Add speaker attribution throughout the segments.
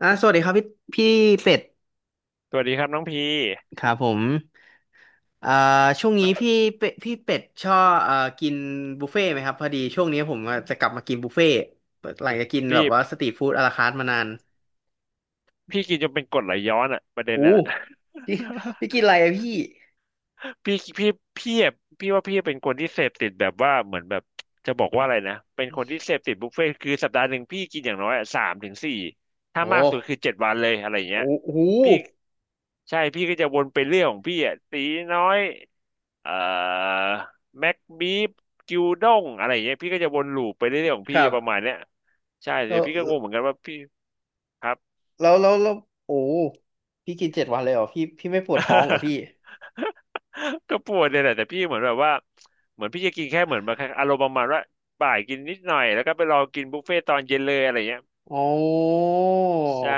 Speaker 1: สวัสดีครับพี่พี่เป็ด
Speaker 2: สวัสดีครับน้องพี
Speaker 1: ครับผมอ่าช่วงนี้พี่เป็ดชอบกินบุฟเฟ่ต์ไหมครับพอดีช่วงนี้ผมจะกลับมากินบุฟเฟ่ต์หลังจากกินแบ
Speaker 2: พี่
Speaker 1: บว่าสตรีทฟู้ดอะลาคาร์ทมานาน
Speaker 2: พี่กินจนเป็นกรดไหลย้อนอะประเด็น
Speaker 1: อู้
Speaker 2: น่ะ
Speaker 1: พี่ พี่กินอะไรอะพี่
Speaker 2: พี่พี่พี่อะพี่ว่าพี่เป็นคนที่เสพติดแบบว่าเหมือนแบบจะบอกว่าอะไรนะเป็นคนที่เสพติดบุฟเฟ่ต์คือสัปดาห์หนึ่งพี่กินอย่างน้อยอะสามถึงสี่ถ้า
Speaker 1: โอ้
Speaker 2: มากสุดคือ7 วันเลยอะไรอย่างเงี้ย
Speaker 1: โอ้โห
Speaker 2: พี่ใช่พี่ก็จะวนไปเรื่องของพี่อ่ะตีน้อยเอ่อแม็กบีฟกิวด้งอะไรอย่างเงี้ยพี่ก็จะวนลูปไปเรื่อยๆของ
Speaker 1: ค
Speaker 2: พี่
Speaker 1: รับ
Speaker 2: ประมาณเนี้ยใช่
Speaker 1: แล้
Speaker 2: เดี๋ย
Speaker 1: ว
Speaker 2: วพี่ก็งงเหมือนกันว่าพี่ครับ
Speaker 1: แล้วโอ้พี่กินเจ็ดวันเลยเหรอพี่พี่ไม่ปวดท้องเหรอ พี่
Speaker 2: ก็ปวดเนี่ยแหละแต่พี่เหมือนแบบว่าเหมือนพี่จะกินแค่เหมือนแบบอารมณ์ประมาณว่าบ่ายกินนิดหน่อยแล้วก็ไปรอกินบุฟเฟ่ตอนเย็นเลยอะไรเงี้ย
Speaker 1: อ๋อ
Speaker 2: ใช่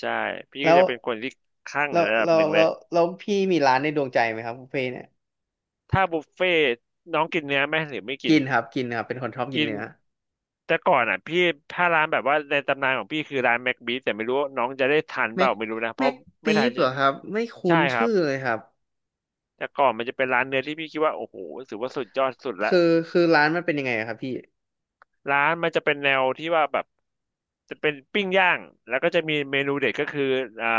Speaker 2: ใช่พี่ก็
Speaker 1: แล้ว
Speaker 2: จะเป็นคนที่คลั่งระดับหนึ่งเลย
Speaker 1: แล้วพี่มีร้านในดวงใจไหมครับบุฟเฟ่ต์เนี่ย
Speaker 2: ถ้าบุฟเฟ่น้องกินเนื้อไหมหรือไม่กิ
Speaker 1: กิ
Speaker 2: น
Speaker 1: นครับกินครับเป็นคนชอบกิ
Speaker 2: กิ
Speaker 1: น
Speaker 2: น
Speaker 1: เนื้อ
Speaker 2: แต่ก่อนอ่ะพี่ถ้าร้านแบบว่าในตำนานของพี่คือร้านแม็กบีแต่ไม่รู้ว่าน้องจะได้ทันเป
Speaker 1: แม็
Speaker 2: ล่า
Speaker 1: ก
Speaker 2: ไม่รู้นะเพ
Speaker 1: แม็
Speaker 2: ราะ
Speaker 1: ก
Speaker 2: ไม่
Speaker 1: บี
Speaker 2: ทัน
Speaker 1: ฟเห
Speaker 2: ใช่
Speaker 1: รอครับไม่คุ้
Speaker 2: ใช่
Speaker 1: น
Speaker 2: ครั
Speaker 1: ชื่
Speaker 2: บ
Speaker 1: อเลยครับ
Speaker 2: แต่ก่อนมันจะเป็นร้านเนื้อที่พี่คิดว่าโอ้โหถือว่าสุดยอดสุดละ
Speaker 1: คือคือร้านมันเป็นยังไงอะครับพี่
Speaker 2: ร้านมันจะเป็นแนวที่ว่าแบบจะเป็นปิ้งย่างแล้วก็จะมีเมนูเด็ดก็คืออ่า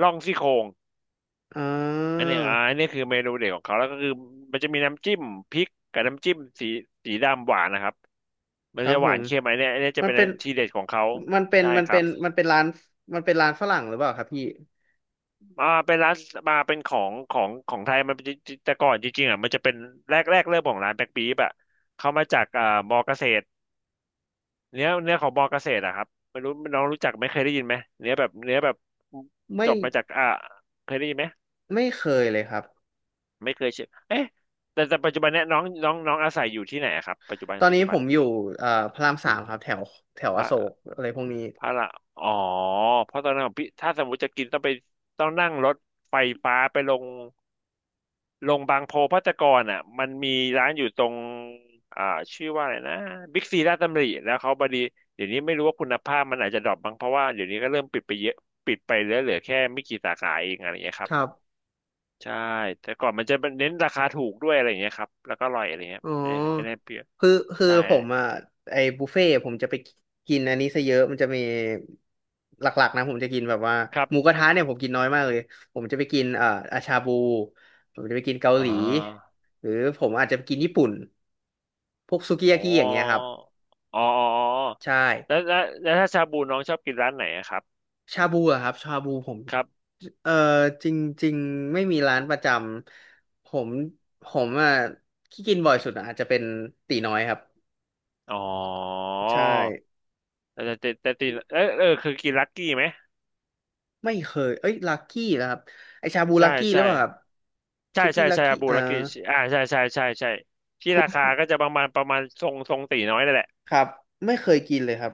Speaker 2: ล่องซี่โครง
Speaker 1: อ่
Speaker 2: อัน
Speaker 1: า
Speaker 2: เนี้ยอันนี้คือเมนูเด็ดของเขาแล้วก็คือมันจะมีน้ำจิ้มพริกกับน้ำจิ้มสีสีดำหวานนะครับ
Speaker 1: ค
Speaker 2: มัน
Speaker 1: รับ
Speaker 2: จะ
Speaker 1: ผ
Speaker 2: หวาน
Speaker 1: ม
Speaker 2: เค็มอันเนี้ยอันเนี้ยจะ
Speaker 1: มัน
Speaker 2: เป็น
Speaker 1: เป็น
Speaker 2: ทีเด็ดของเขา
Speaker 1: มันเป็น
Speaker 2: ใช่
Speaker 1: มัน
Speaker 2: ครั
Speaker 1: เป็
Speaker 2: บ
Speaker 1: นมันเป็นร้านมันเป็นร้านฝรั่งหรือเปล่าครับพี่
Speaker 2: เป็นร้านมาเป็นของไทยมันจะแต่ก่อนจริงๆอ่ะมันจะเป็นแรกเริ่มของร้านแบ็คปี๊บอ่ะเขามาจากมอเกษตร เนื้อเนื้อของมอเกษตรอะครับไม่รู้น้องรู้จักไหม่เคยได้ยินไหมเนื้อแบบเนื้อแบบจ
Speaker 1: ไม่
Speaker 2: บมาจากเคยได้ยินไหม
Speaker 1: ไม่เคยเลยครับ
Speaker 2: ไม่เคยเชื่อเอ๊ะแต่ปัจจุบันเนี้ยน้องน้องน้องอาศัยอยู่ที่ไหนอะครับปัจจุบัน
Speaker 1: ตอนนี้ผมอยู่พระรามสามครับแถวแถว
Speaker 2: พ
Speaker 1: อโศก
Speaker 2: ระ
Speaker 1: อะไรพวกนี้
Speaker 2: พระละอ๋อเพราะตอนนั้นของพี่ถ้าสมมติจะกินต้องไปต้องนั่งรถไฟฟ้าไปลง บางโพภัตรกรอ่ะมันมีร้านอยู่ตรงอ่าชื่อว่าอะไรนะบิ๊กซีลาชดตำริแล้วเขาบดีเดี๋ยวนี้ไม่รู้ว่าคุณภาพมันอาจจะดรอปบ้างเพราะว่าเดี๋ยวนี้ก็เริ่มปิดไปเยอะปิดไปเหลือแค่ไม่กี่สาขาเองอะไรอย่างเงี้ยค
Speaker 1: ค
Speaker 2: รั
Speaker 1: รับ
Speaker 2: บใช่แต่ก่อนมันจะเน้นราคาถูกด้วยอะไรอย่างเงี้ยครับแล้วก็อร่อยอะไรเงี้ย
Speaker 1: อ๋อ
Speaker 2: ไม่ได้เปรี้ยว
Speaker 1: คือคือ
Speaker 2: ใช่
Speaker 1: ผมอ่ะไอ้บุฟเฟ่ต์ผมจะไปกินอันนี้ซะเยอะมันจะมีหลักๆนะผมจะกินแบบว่า
Speaker 2: ครับ
Speaker 1: หมูกระทะเนี่ยผมกินน้อยมากเลยผมจะไปกินอาชาบูผมจะไปกินเกา
Speaker 2: อ่
Speaker 1: หลี
Speaker 2: า
Speaker 1: หรือผมอาจจะไปกินญี่ปุ่นพวกซูกิ
Speaker 2: อ๋
Speaker 1: ยา
Speaker 2: อ
Speaker 1: กิอย่างเงี้ยครับ
Speaker 2: อ๋ออ๋ออ๋อ
Speaker 1: ใช่
Speaker 2: แล้วถ้าชาบูน้องชอบกินร้านไหนอะครับ
Speaker 1: ชาบูอะครับชาบูผม
Speaker 2: ครับ
Speaker 1: เอ่อจริงๆไม่มีร้านประจำผมอะที่กินบ่อยสุดอะอาจจะเป็นตีน้อยครับ
Speaker 2: อ๋อ
Speaker 1: ใช่
Speaker 2: แต่เออเออคือกินลักกี้ไหม
Speaker 1: ไม่เคยเอ้ยลักกี้นะครับไอชาบู
Speaker 2: ใช่
Speaker 1: ลักกี้หรื
Speaker 2: ใช่
Speaker 1: อเปล่าครับ
Speaker 2: ใช่
Speaker 1: สุกี้
Speaker 2: ใช่
Speaker 1: ลัก
Speaker 2: ใช่
Speaker 1: กี้
Speaker 2: อาบูลักกี้อ่าใช่ใช่ใช่ใช่ที่
Speaker 1: คุ
Speaker 2: รา
Speaker 1: ณค
Speaker 2: คาก็จะประมาณทรงตีน้อยนั่นแหละ
Speaker 1: รับไม่เคยกินเลยครับ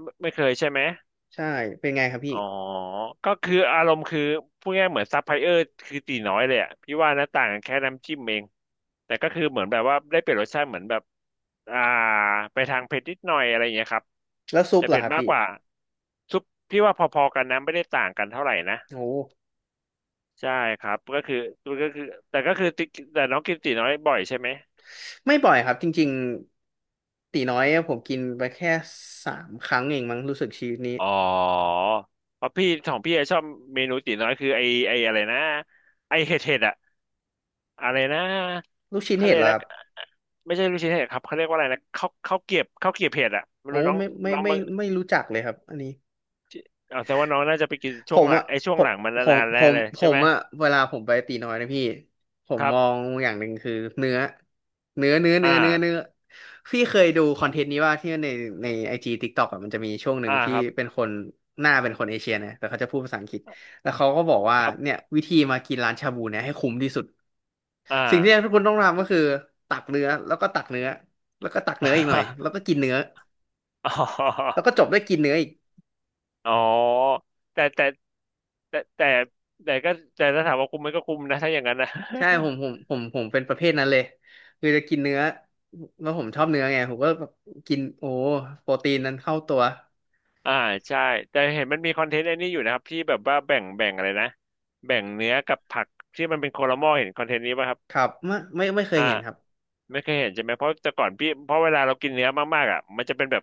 Speaker 2: ไม่เคยใช่ไหม
Speaker 1: ใช่ เป็นไงครับพี่
Speaker 2: อ๋อก็คืออารมณ์คือพูดง่ายๆเหมือนซัพพลายเออร์คือตีน้อยเลยอ่ะพี่ว่านะต่างกันแค่น้ำจิ้มเองแต่ก็คือเหมือนแบบว่าได้เปลี่ยนรสชาติเหมือนแบบอ่าไปทางเผ็ดนิดหน่อยอะไรอย่างเงี้ยครับ
Speaker 1: แล้วซุป
Speaker 2: จะ
Speaker 1: เหรอ
Speaker 2: เผ็
Speaker 1: ค
Speaker 2: ด
Speaker 1: รับ
Speaker 2: มาก
Speaker 1: พี่
Speaker 2: กว่าซุปพี่ว่าพอๆกันนะไม่ได้ต่างกันเท่าไหร่นะ
Speaker 1: โอ้
Speaker 2: ใช่ครับก็คือแต่ก็คือติ๊กแต่น้องกินตีน้อยบ่อยใช่ไหม
Speaker 1: ไม่บ่อยครับจริงๆตีน้อยผมกินไปแค่สามครั้งเองมั้งรู้สึกชีวิตนี้
Speaker 2: อ๋อเพราะพี่ของพี่อะชอบเมนูตีน้อยคือไออะไรนะไอเห็ดเห็ดอะอะไรนะ
Speaker 1: ลูกชิ้น
Speaker 2: เขา
Speaker 1: เห็
Speaker 2: เรี
Speaker 1: ด
Speaker 2: ยก
Speaker 1: เหรอค
Speaker 2: นะ
Speaker 1: รับ
Speaker 2: ไม่ใช่ลูกชิ้นเห็ดครับเขาเรียกว่าอะไรนะข้าวเกรียบเห็ดอะไม่
Speaker 1: โอ้
Speaker 2: รู้น้อง
Speaker 1: ไม่ไม่
Speaker 2: น้อง
Speaker 1: ไม่
Speaker 2: มา
Speaker 1: ไม่รู้จักเลยครับอันนี้
Speaker 2: เอาแต่ว่าน้องน่าจะไปกิน
Speaker 1: ผ
Speaker 2: ช่วง
Speaker 1: ม
Speaker 2: หลั
Speaker 1: อ่ะ
Speaker 2: งไอช่ว
Speaker 1: ผ
Speaker 2: งห
Speaker 1: ม
Speaker 2: ลังมัน
Speaker 1: ผม
Speaker 2: นานๆ
Speaker 1: ผ
Speaker 2: แน่
Speaker 1: ม
Speaker 2: เลย
Speaker 1: ผ
Speaker 2: ใช่
Speaker 1: ม
Speaker 2: ไหม
Speaker 1: อะเวลาผมไปตีน้อยนะพี่ผม
Speaker 2: ครั
Speaker 1: ม
Speaker 2: บ
Speaker 1: องอย่างหนึ่งคือเนื้อเนื้อเนื้อ
Speaker 2: อ่
Speaker 1: เนื้อเนื้อเนื้อ
Speaker 2: า
Speaker 1: พี่เคยดูคอนเทนต์นี้ว่าที่ในในไอจีทิกตอกอะมันจะมีช่วงหนึ่
Speaker 2: อ่า
Speaker 1: งที่
Speaker 2: ครับ
Speaker 1: เป็นคนหน้าเป็นคนเอเชียนะแต่เขาจะพูดภาษาอังกฤษแล้วเขาก็บอกว่า
Speaker 2: ครั
Speaker 1: เนี่ย
Speaker 2: บ
Speaker 1: วิธีมากินร้านชาบูเนี่ยให้คุ้มที่สุด
Speaker 2: อ่า
Speaker 1: สิ่งที่ทุกคนต้องทำก็คือตักเนื้อแล้วก็ตักเนื้อแล้วก็ตักเนื้ออีกหน่อยแล้ วก็กินเนื้อ
Speaker 2: อ๋
Speaker 1: แล้วก็
Speaker 2: อ
Speaker 1: จบด้วยกินเนื้ออีก
Speaker 2: อ๋อแต่แต่แต่แต่แต่ก็แต่ถ้าถามว่าคุ้มไหมก็คุ้มนะถ้าอย่างนั้นนะ
Speaker 1: ใช่ผมเป็นประเภทนั้นเลยคือจะกินเนื้อแล้วผมชอบเนื้อไงผมก็แบบกินโอ้โปรตีนนั้นเข้าตัว
Speaker 2: อ่าใช่แต่เห็นมันมีคอนเทนต์ไอ้นี่อยู่นะครับที่แบบว่าแบ่งอะไรนะแบ่งเนื้อกับผักที่มันเป็นโคลาหม้อเห็นคอนเทนต์นี้ป่ะครับ
Speaker 1: ครับไม่ไม่ไม่เคย
Speaker 2: อ่า
Speaker 1: เห็นครับ
Speaker 2: ไม่เคยเห็นใช่ไหมเพราะแต่ก่อนพี่เพราะเวลาเรากินเนื้อมากๆอ่ะมันจะเป็นแบบ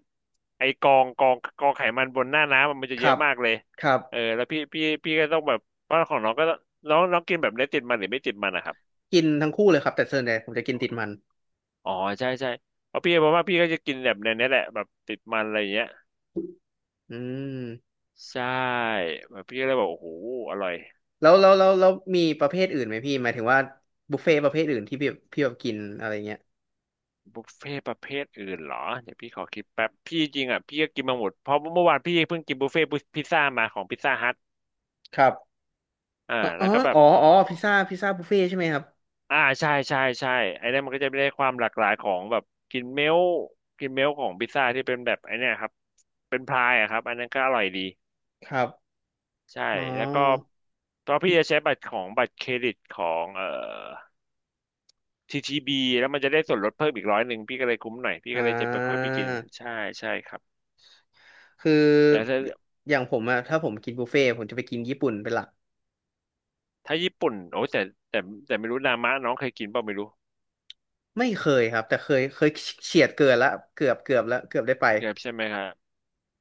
Speaker 2: ไอ้กองไขมันบนหน้าน้ำอะมันจะ
Speaker 1: ค
Speaker 2: เย
Speaker 1: รั
Speaker 2: อะ
Speaker 1: บ
Speaker 2: มากเลย
Speaker 1: ครับ
Speaker 2: เออแล้วพี่ก็ต้องแบบเพราะของน้องก็ต้องน้องน้องกินแบบเนื้อติดมันหรือไม่ติดมันนะครับ
Speaker 1: กินทั้งคู่เลยครับแต่ส่วนใหญ่ผมจะกินติดมัน
Speaker 2: อ๋อใช่ใช่เพราะพี่บอกว่าพี่ก็จะกินแบบในนี้แหละแบบติดมันอะไรอย่างเงี้ย
Speaker 1: อืม
Speaker 2: ใช่แบบพี่ก็เลยบอกโอ้โหอร่อย
Speaker 1: แล้วมีประเภทอื่นไหมพี่หมายถึงว่าบุฟเฟ่ต์ประเภทอื่นที่พี่แบบกินอะไรเงี้ย
Speaker 2: บุฟเฟ่ต์ประเภทอื่นเหรอเดี๋ยวพี่ขอคิดแป๊บพี่จริงอ่ะพี่ก็กินมาหมดเพราะเมื่อวานพี่เพิ่งกินบุฟเฟ่ต์พิซซ่ามาของพิซซ่าฮัท
Speaker 1: ครับ
Speaker 2: อ่า
Speaker 1: อ๋อ
Speaker 2: แล้วก็แบ
Speaker 1: อ๋
Speaker 2: บ
Speaker 1: ออ๋อพิซซ่าบุฟเฟ่ต์ใช่ไหมครับ
Speaker 2: อ่าใช่ใช่ใช่ไอ้นั่นมันก็จะได้ความหลากหลายของแบบกินเมลต์กินเมลต์ของพิซซ่าที่เป็นแบบไอ้เนี่ยครับเป็นพายอะครับอันนั้นก็อร่อยดี
Speaker 1: ครับ
Speaker 2: ใช่
Speaker 1: อ๋อ
Speaker 2: แล้วก็ตอนพี่จะใช้บัตรของบัตรเครดิตของTTBแล้วมันจะได้ส่วนลดเพิ่มอีก100พี่ก็เลยคุ้มหน่อยพี่
Speaker 1: อ่
Speaker 2: ก็เลยจะไปค่อยไปกิน
Speaker 1: า
Speaker 2: ใช่ใช่ครับ
Speaker 1: คือ
Speaker 2: แต่ถ้า
Speaker 1: อย่างผมอะถ้าผมกินบุฟเฟ่ต์ผมจะไปกินญี่ปุ่นเป็นหลัก
Speaker 2: ถ้าญี่ปุ่นโอ้แต่แต่แต่ไม่รู้นามะน้องเคยกินเปล่าไม่รู้
Speaker 1: ไม่เคยครับแต่เคยเคยเฉียดเกินละเกือบแล้วเกือบได้ไป
Speaker 2: เนี่ยใช่ไหมครับ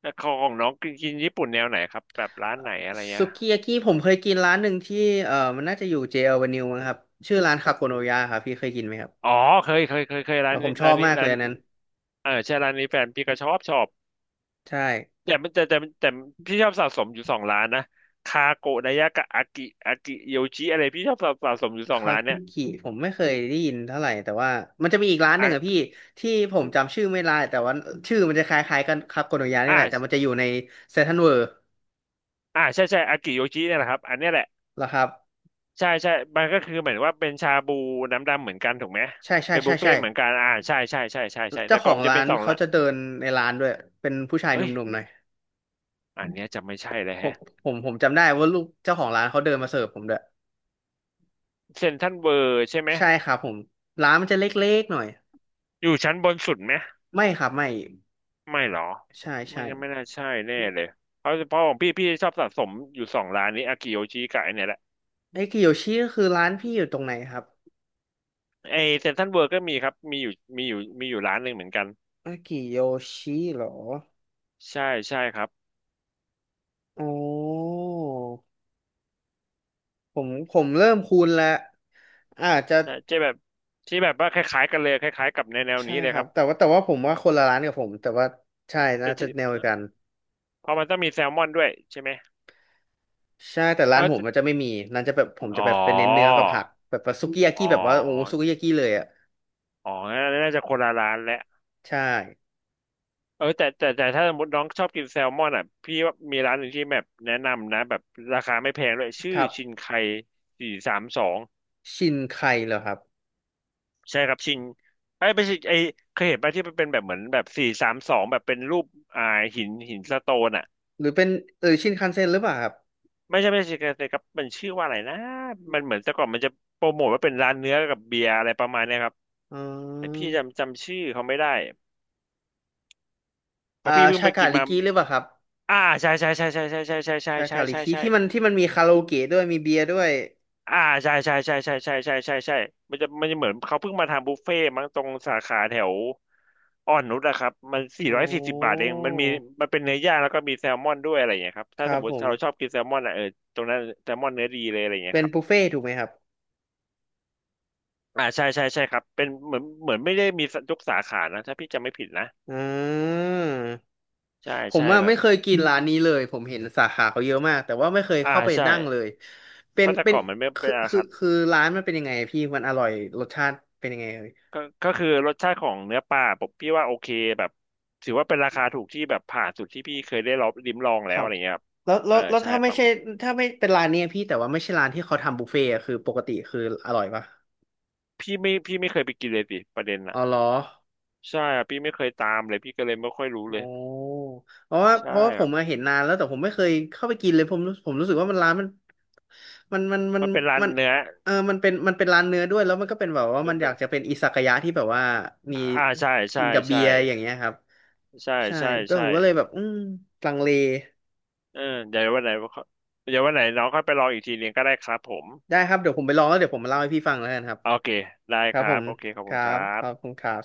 Speaker 2: แล้วของน้องกินกินญี่ปุ่นแนวไหนครับแบบร้านไหนอะไรเงี้
Speaker 1: สุ
Speaker 2: ย
Speaker 1: กิยากิผมเคยกินร้านหนึ่งที่เออมันน่าจะอยู่เจอ v ว n u ิวมั้งครับชื่อร้านคาโกโนยะครับพี่เคยกินไหมครับ
Speaker 2: อ๋อเคยเคยเคยเคยร้า
Speaker 1: อ่ะ
Speaker 2: น
Speaker 1: ผ
Speaker 2: นี้
Speaker 1: มชอ
Speaker 2: ร้าน
Speaker 1: บ
Speaker 2: นี้
Speaker 1: มากเล
Speaker 2: ร้า
Speaker 1: ย
Speaker 2: น
Speaker 1: อันนั้น
Speaker 2: เออใช่ร้านนี้แฟนพี่ก็ชอบชอบ
Speaker 1: ใช่
Speaker 2: แต่มันแต่แต่แต่พี่ชอบสะสมอยู่สองร้านนะคาโกะดายะกับอากิอากิโยชิอะไรพี่ชอบสะสมอยู่สอง
Speaker 1: คา
Speaker 2: ร้านเนี่ย
Speaker 1: กิผมไม่เคยได้ยินเท่าไหร่แต่ว่ามันจะมีอีกร้านหนึ่งอะ
Speaker 2: อ่ะ
Speaker 1: พี่ที่ผมจำชื่อไม่ได้แต่ว่าชื่อมันจะคล้ายๆกันคาโกโนยะนี่แหละ
Speaker 2: อ่า
Speaker 1: แต่มันจะอยู่ในเซนทรัลเวิลด์
Speaker 2: อ่าใช่ใช่อากิโยชิเนี่ยแหละครับอันเนี้ยแหละ
Speaker 1: เหรอครับ
Speaker 2: ใช่ใช่มันก็คือเหมือนว่าเป็นชาบูน้ำดำเหมือนกันถูกไหม
Speaker 1: ใช่ใช่
Speaker 2: เป็น
Speaker 1: ใช่
Speaker 2: บุฟเฟ่
Speaker 1: ใช่
Speaker 2: ต์เหมือนกันอ่าใช่ใช่ใช่ใช่ใช่แต่
Speaker 1: เจ้าข
Speaker 2: ก่อ
Speaker 1: อ
Speaker 2: น
Speaker 1: ง
Speaker 2: มันจะ
Speaker 1: ร้า
Speaker 2: เป็น
Speaker 1: น
Speaker 2: สอง
Speaker 1: เขา
Speaker 2: ละ
Speaker 1: จะเดินในร้านด้วยเป็นผู้ชายห
Speaker 2: เอ้ย
Speaker 1: นุ่มๆหน่อย
Speaker 2: อันเนี้ยจะไม่ใช่เลย
Speaker 1: ผม
Speaker 2: แฮะ
Speaker 1: ผมจำได้ว่าลูกเจ้าของร้านเขาเดินมาเสิร์ฟผมด้วย
Speaker 2: เซ็นทรัลเวิร์ใช่ไหม
Speaker 1: ใช่ครับผมร้านมันจะเล็กๆหน่อย
Speaker 2: อยู่ชั้นบนสุดไหม
Speaker 1: ไม่ครับไม่
Speaker 2: ไม่หรอ
Speaker 1: ใช่
Speaker 2: ไม่
Speaker 1: ใช่
Speaker 2: งั้นไม่น่าใช่แน่เลยเพราะเพราะของพี่พี่ชอบสะสมอยู่สองร้านนี้อากิโยชิกับไอเนี่ยแหละ
Speaker 1: ไอ้กิโยชิก็คือร้านพี่อยู่ตรงไหนครับ
Speaker 2: ไอเซ็นทรัลเวิร์ก็มีครับมีอยู่มีอยู่มีอยู่ร้านหนึ่งเหมือนกัน
Speaker 1: ไอ้กิโยชิเหรอ
Speaker 2: ใช่ใช่ครับ
Speaker 1: อ๋อผมเริ่มคุ้นแล้วอาจจะ
Speaker 2: ใช่จะแบบที่แบบว่าคล้ายๆกันเลยคล้ายๆกับในแนว
Speaker 1: ใช่
Speaker 2: นี้เล
Speaker 1: ค
Speaker 2: ยค
Speaker 1: รับ
Speaker 2: รับ
Speaker 1: แต่ว่าผมว่าคนละร้านกับผมแต่ว่าใช่น่า
Speaker 2: แต่
Speaker 1: จะ
Speaker 2: ที่
Speaker 1: แนวเดียวกัน
Speaker 2: เพราะมันต้องมีแซลมอนด้วยใช่ไหม
Speaker 1: ใช่แต่ร้า
Speaker 2: เอ
Speaker 1: น
Speaker 2: อ
Speaker 1: ผม
Speaker 2: จะ
Speaker 1: มันจะไม่มีร้านจะแบบผม
Speaker 2: อ๋
Speaker 1: จะแบ
Speaker 2: อ
Speaker 1: บเป็นเน้นเนื้อกับผักแบบว่าซุกิยา
Speaker 2: อ๋
Speaker 1: กิ
Speaker 2: อ
Speaker 1: แบบว่าโอ้ซุกิยากิเลยอ่ะ
Speaker 2: อ๋อน่าจะคนละร้านแหละ
Speaker 1: ใช่
Speaker 2: เออแต่แต่แต่ถ้าสมมติน้องชอบกินแซลมอนอ่ะพี่ว่ามีร้านหนึ่งที่แบบแนะนำนะแบบราคาไม่แพงด้วยชื่อ
Speaker 1: ครับ
Speaker 2: ชินไคสี่สามสอง
Speaker 1: ชินไคเหรอครับ
Speaker 2: ใช่ครับชินไอ้ยไม่ใช่ไอ้เคยเห็นป่ะที่มันเป็นแบบเหมือนแบบสี่สามสองแบบเป็นรูปอ่าหินหินสโตนอ่ะ
Speaker 1: หรือเป็นเออชินคันเซ็นหรือเปล่าครับ
Speaker 2: ไม่ใช่ไม่ใช่ครับครับมันชื่อว่าอะไรนะมันเหมือนแต่ก่อนมันจะโปรโมทว่าเป็นร้านเนื้อกับเบียร์อะไรประมาณเนี้ยครับ
Speaker 1: อ๋
Speaker 2: แต่พี่
Speaker 1: อ
Speaker 2: จำจำชื่อเขาไม่ได้เพ
Speaker 1: อ่า
Speaker 2: ราะพี่เพิ่ง
Speaker 1: ชา
Speaker 2: ไป
Speaker 1: กา
Speaker 2: กิน
Speaker 1: ลิ
Speaker 2: มา
Speaker 1: กิหรือเปล่าครับ
Speaker 2: อ่าใช่ใช่ใช่ใช่ใช่ใช่ใช่ใช่
Speaker 1: ชา
Speaker 2: ใช่
Speaker 1: กาลิ
Speaker 2: ใช่ใช่
Speaker 1: กิ
Speaker 2: ใช่
Speaker 1: ที่มันมีคาราโอเกะด้วยมีเบียร์ด้วย
Speaker 2: อ่าใช่ใช่ใช่ใช่ใช่ใช่ใช่ใช่มันจะมันจะเหมือนเขาเพิ่งมาทำบุฟเฟ่ต์มั้งตรงสาขาแถวอ่อนนุชอะครับมันสี่
Speaker 1: อ๋
Speaker 2: ร้อยสี่สิบบาท
Speaker 1: อ
Speaker 2: เองมันมีมันเป็นเนื้อย่างแล้วก็มีแซลมอนด้วยอะไรอย่างเงี้ยครับ
Speaker 1: ค
Speaker 2: ถ้าส
Speaker 1: รับ
Speaker 2: มม
Speaker 1: ผ
Speaker 2: ติ
Speaker 1: ม
Speaker 2: เราชอบกินแซลมอนอะเออตรงนั้นแซลมอนเนื้อดีเลยอะไรอย่างเงี้ย
Speaker 1: เป็น
Speaker 2: ครับ
Speaker 1: บุฟเฟ่ต์ถูกไหมครับ
Speaker 2: อ่าใช่ใช่ใช่ครับเป็นเหมือนเหมือนไม่ได้มียกสาขานะถ้าพี่จำไม่ผิดนะ
Speaker 1: อ่า
Speaker 2: ใช่
Speaker 1: ผม
Speaker 2: ใช่
Speaker 1: อ่ะ
Speaker 2: แบบ
Speaker 1: ไม่เคยกินร้านนี้เลยผมเห็นสาขาเขาเยอะมากแต่ว่าไม่เคย
Speaker 2: อ่า
Speaker 1: เข้าไป
Speaker 2: ใช่
Speaker 1: นั่งเลย
Speaker 2: เพราะแต่
Speaker 1: เป็น
Speaker 2: ก่อนมันไม่เป็นอาคาร
Speaker 1: คือร้านมันเป็นยังไงพี่มันอร่อยรสชาติเป็นยังไงเอ่ย
Speaker 2: ก็ก็คือรสชาติของเนื้อปลาผมพี่ว่าโอเคแบบถือว่าเป็นราคาถูกที่แบบผ่านสุดที่พี่เคยได้ลองลิ้มลอง
Speaker 1: ค
Speaker 2: แล้ว
Speaker 1: รั
Speaker 2: อะ
Speaker 1: บ
Speaker 2: ไรเงี้ยครับเออ
Speaker 1: แล้ว
Speaker 2: ใช่
Speaker 1: ถ้า
Speaker 2: ป
Speaker 1: ไม่
Speaker 2: ระ
Speaker 1: ใช่
Speaker 2: มาณ
Speaker 1: ถ้าไม่เป็นร้านเนี้ยพี่แต่ว่าไม่ใช่ร้านที่เขาทำบุฟเฟ่ต์อะคือปกติคืออร่อยปะ
Speaker 2: พี่ไม่พี่ไม่เคยไปกินเลยสิประเด็น
Speaker 1: อ๋
Speaker 2: น่ะ
Speaker 1: อเหรอ
Speaker 2: ใช่ครับพี่ไม่เคยตามเลยพี่ก็เลยไม่ค่อยรู้เล
Speaker 1: โอ้
Speaker 2: ยใช่
Speaker 1: เพราะว่าผ
Speaker 2: ครั
Speaker 1: มมา
Speaker 2: บ
Speaker 1: เห็นนานแล้วแต่ผมไม่เคยเข้าไปกินเลยผมรู้สึกว่ามันร้านมันมันมันมัน
Speaker 2: มันเป็นร้าน
Speaker 1: มัน
Speaker 2: เนื้อ
Speaker 1: มันเป็นร้านเนื้อด้วยแล้วมันก็เป็นแบบว่า
Speaker 2: เป็
Speaker 1: มั
Speaker 2: น
Speaker 1: นอ
Speaker 2: เป็
Speaker 1: ยา
Speaker 2: น
Speaker 1: กจะเป็นอิซากายะที่แบบว่ามี
Speaker 2: อ่าใช่
Speaker 1: กิ
Speaker 2: ใช่
Speaker 1: นกับเบี
Speaker 2: ใช่
Speaker 1: ยร์อย่างเงี้ยครับ
Speaker 2: ใช่
Speaker 1: ใช่
Speaker 2: ใช่
Speaker 1: ก็ผ
Speaker 2: ใช่
Speaker 1: มก็เลยแบบลังเล
Speaker 2: เออเดี๋ยววันไหนเดี๋ยววันไหนน้องค่อยไปลองอีกทีนึงก็ได้ครับผม
Speaker 1: ได้ครับเดี๋ยวผมไปลองแล้วเดี๋ยวผมมาเล่าให้พี่ฟังแล้วกันครับ
Speaker 2: โอเคได้
Speaker 1: ค
Speaker 2: ค
Speaker 1: รับผ
Speaker 2: รับ
Speaker 1: ม
Speaker 2: โอเคขอบ
Speaker 1: ค
Speaker 2: คุณ
Speaker 1: รั
Speaker 2: ครั
Speaker 1: บขอบ
Speaker 2: บ
Speaker 1: คุณครับ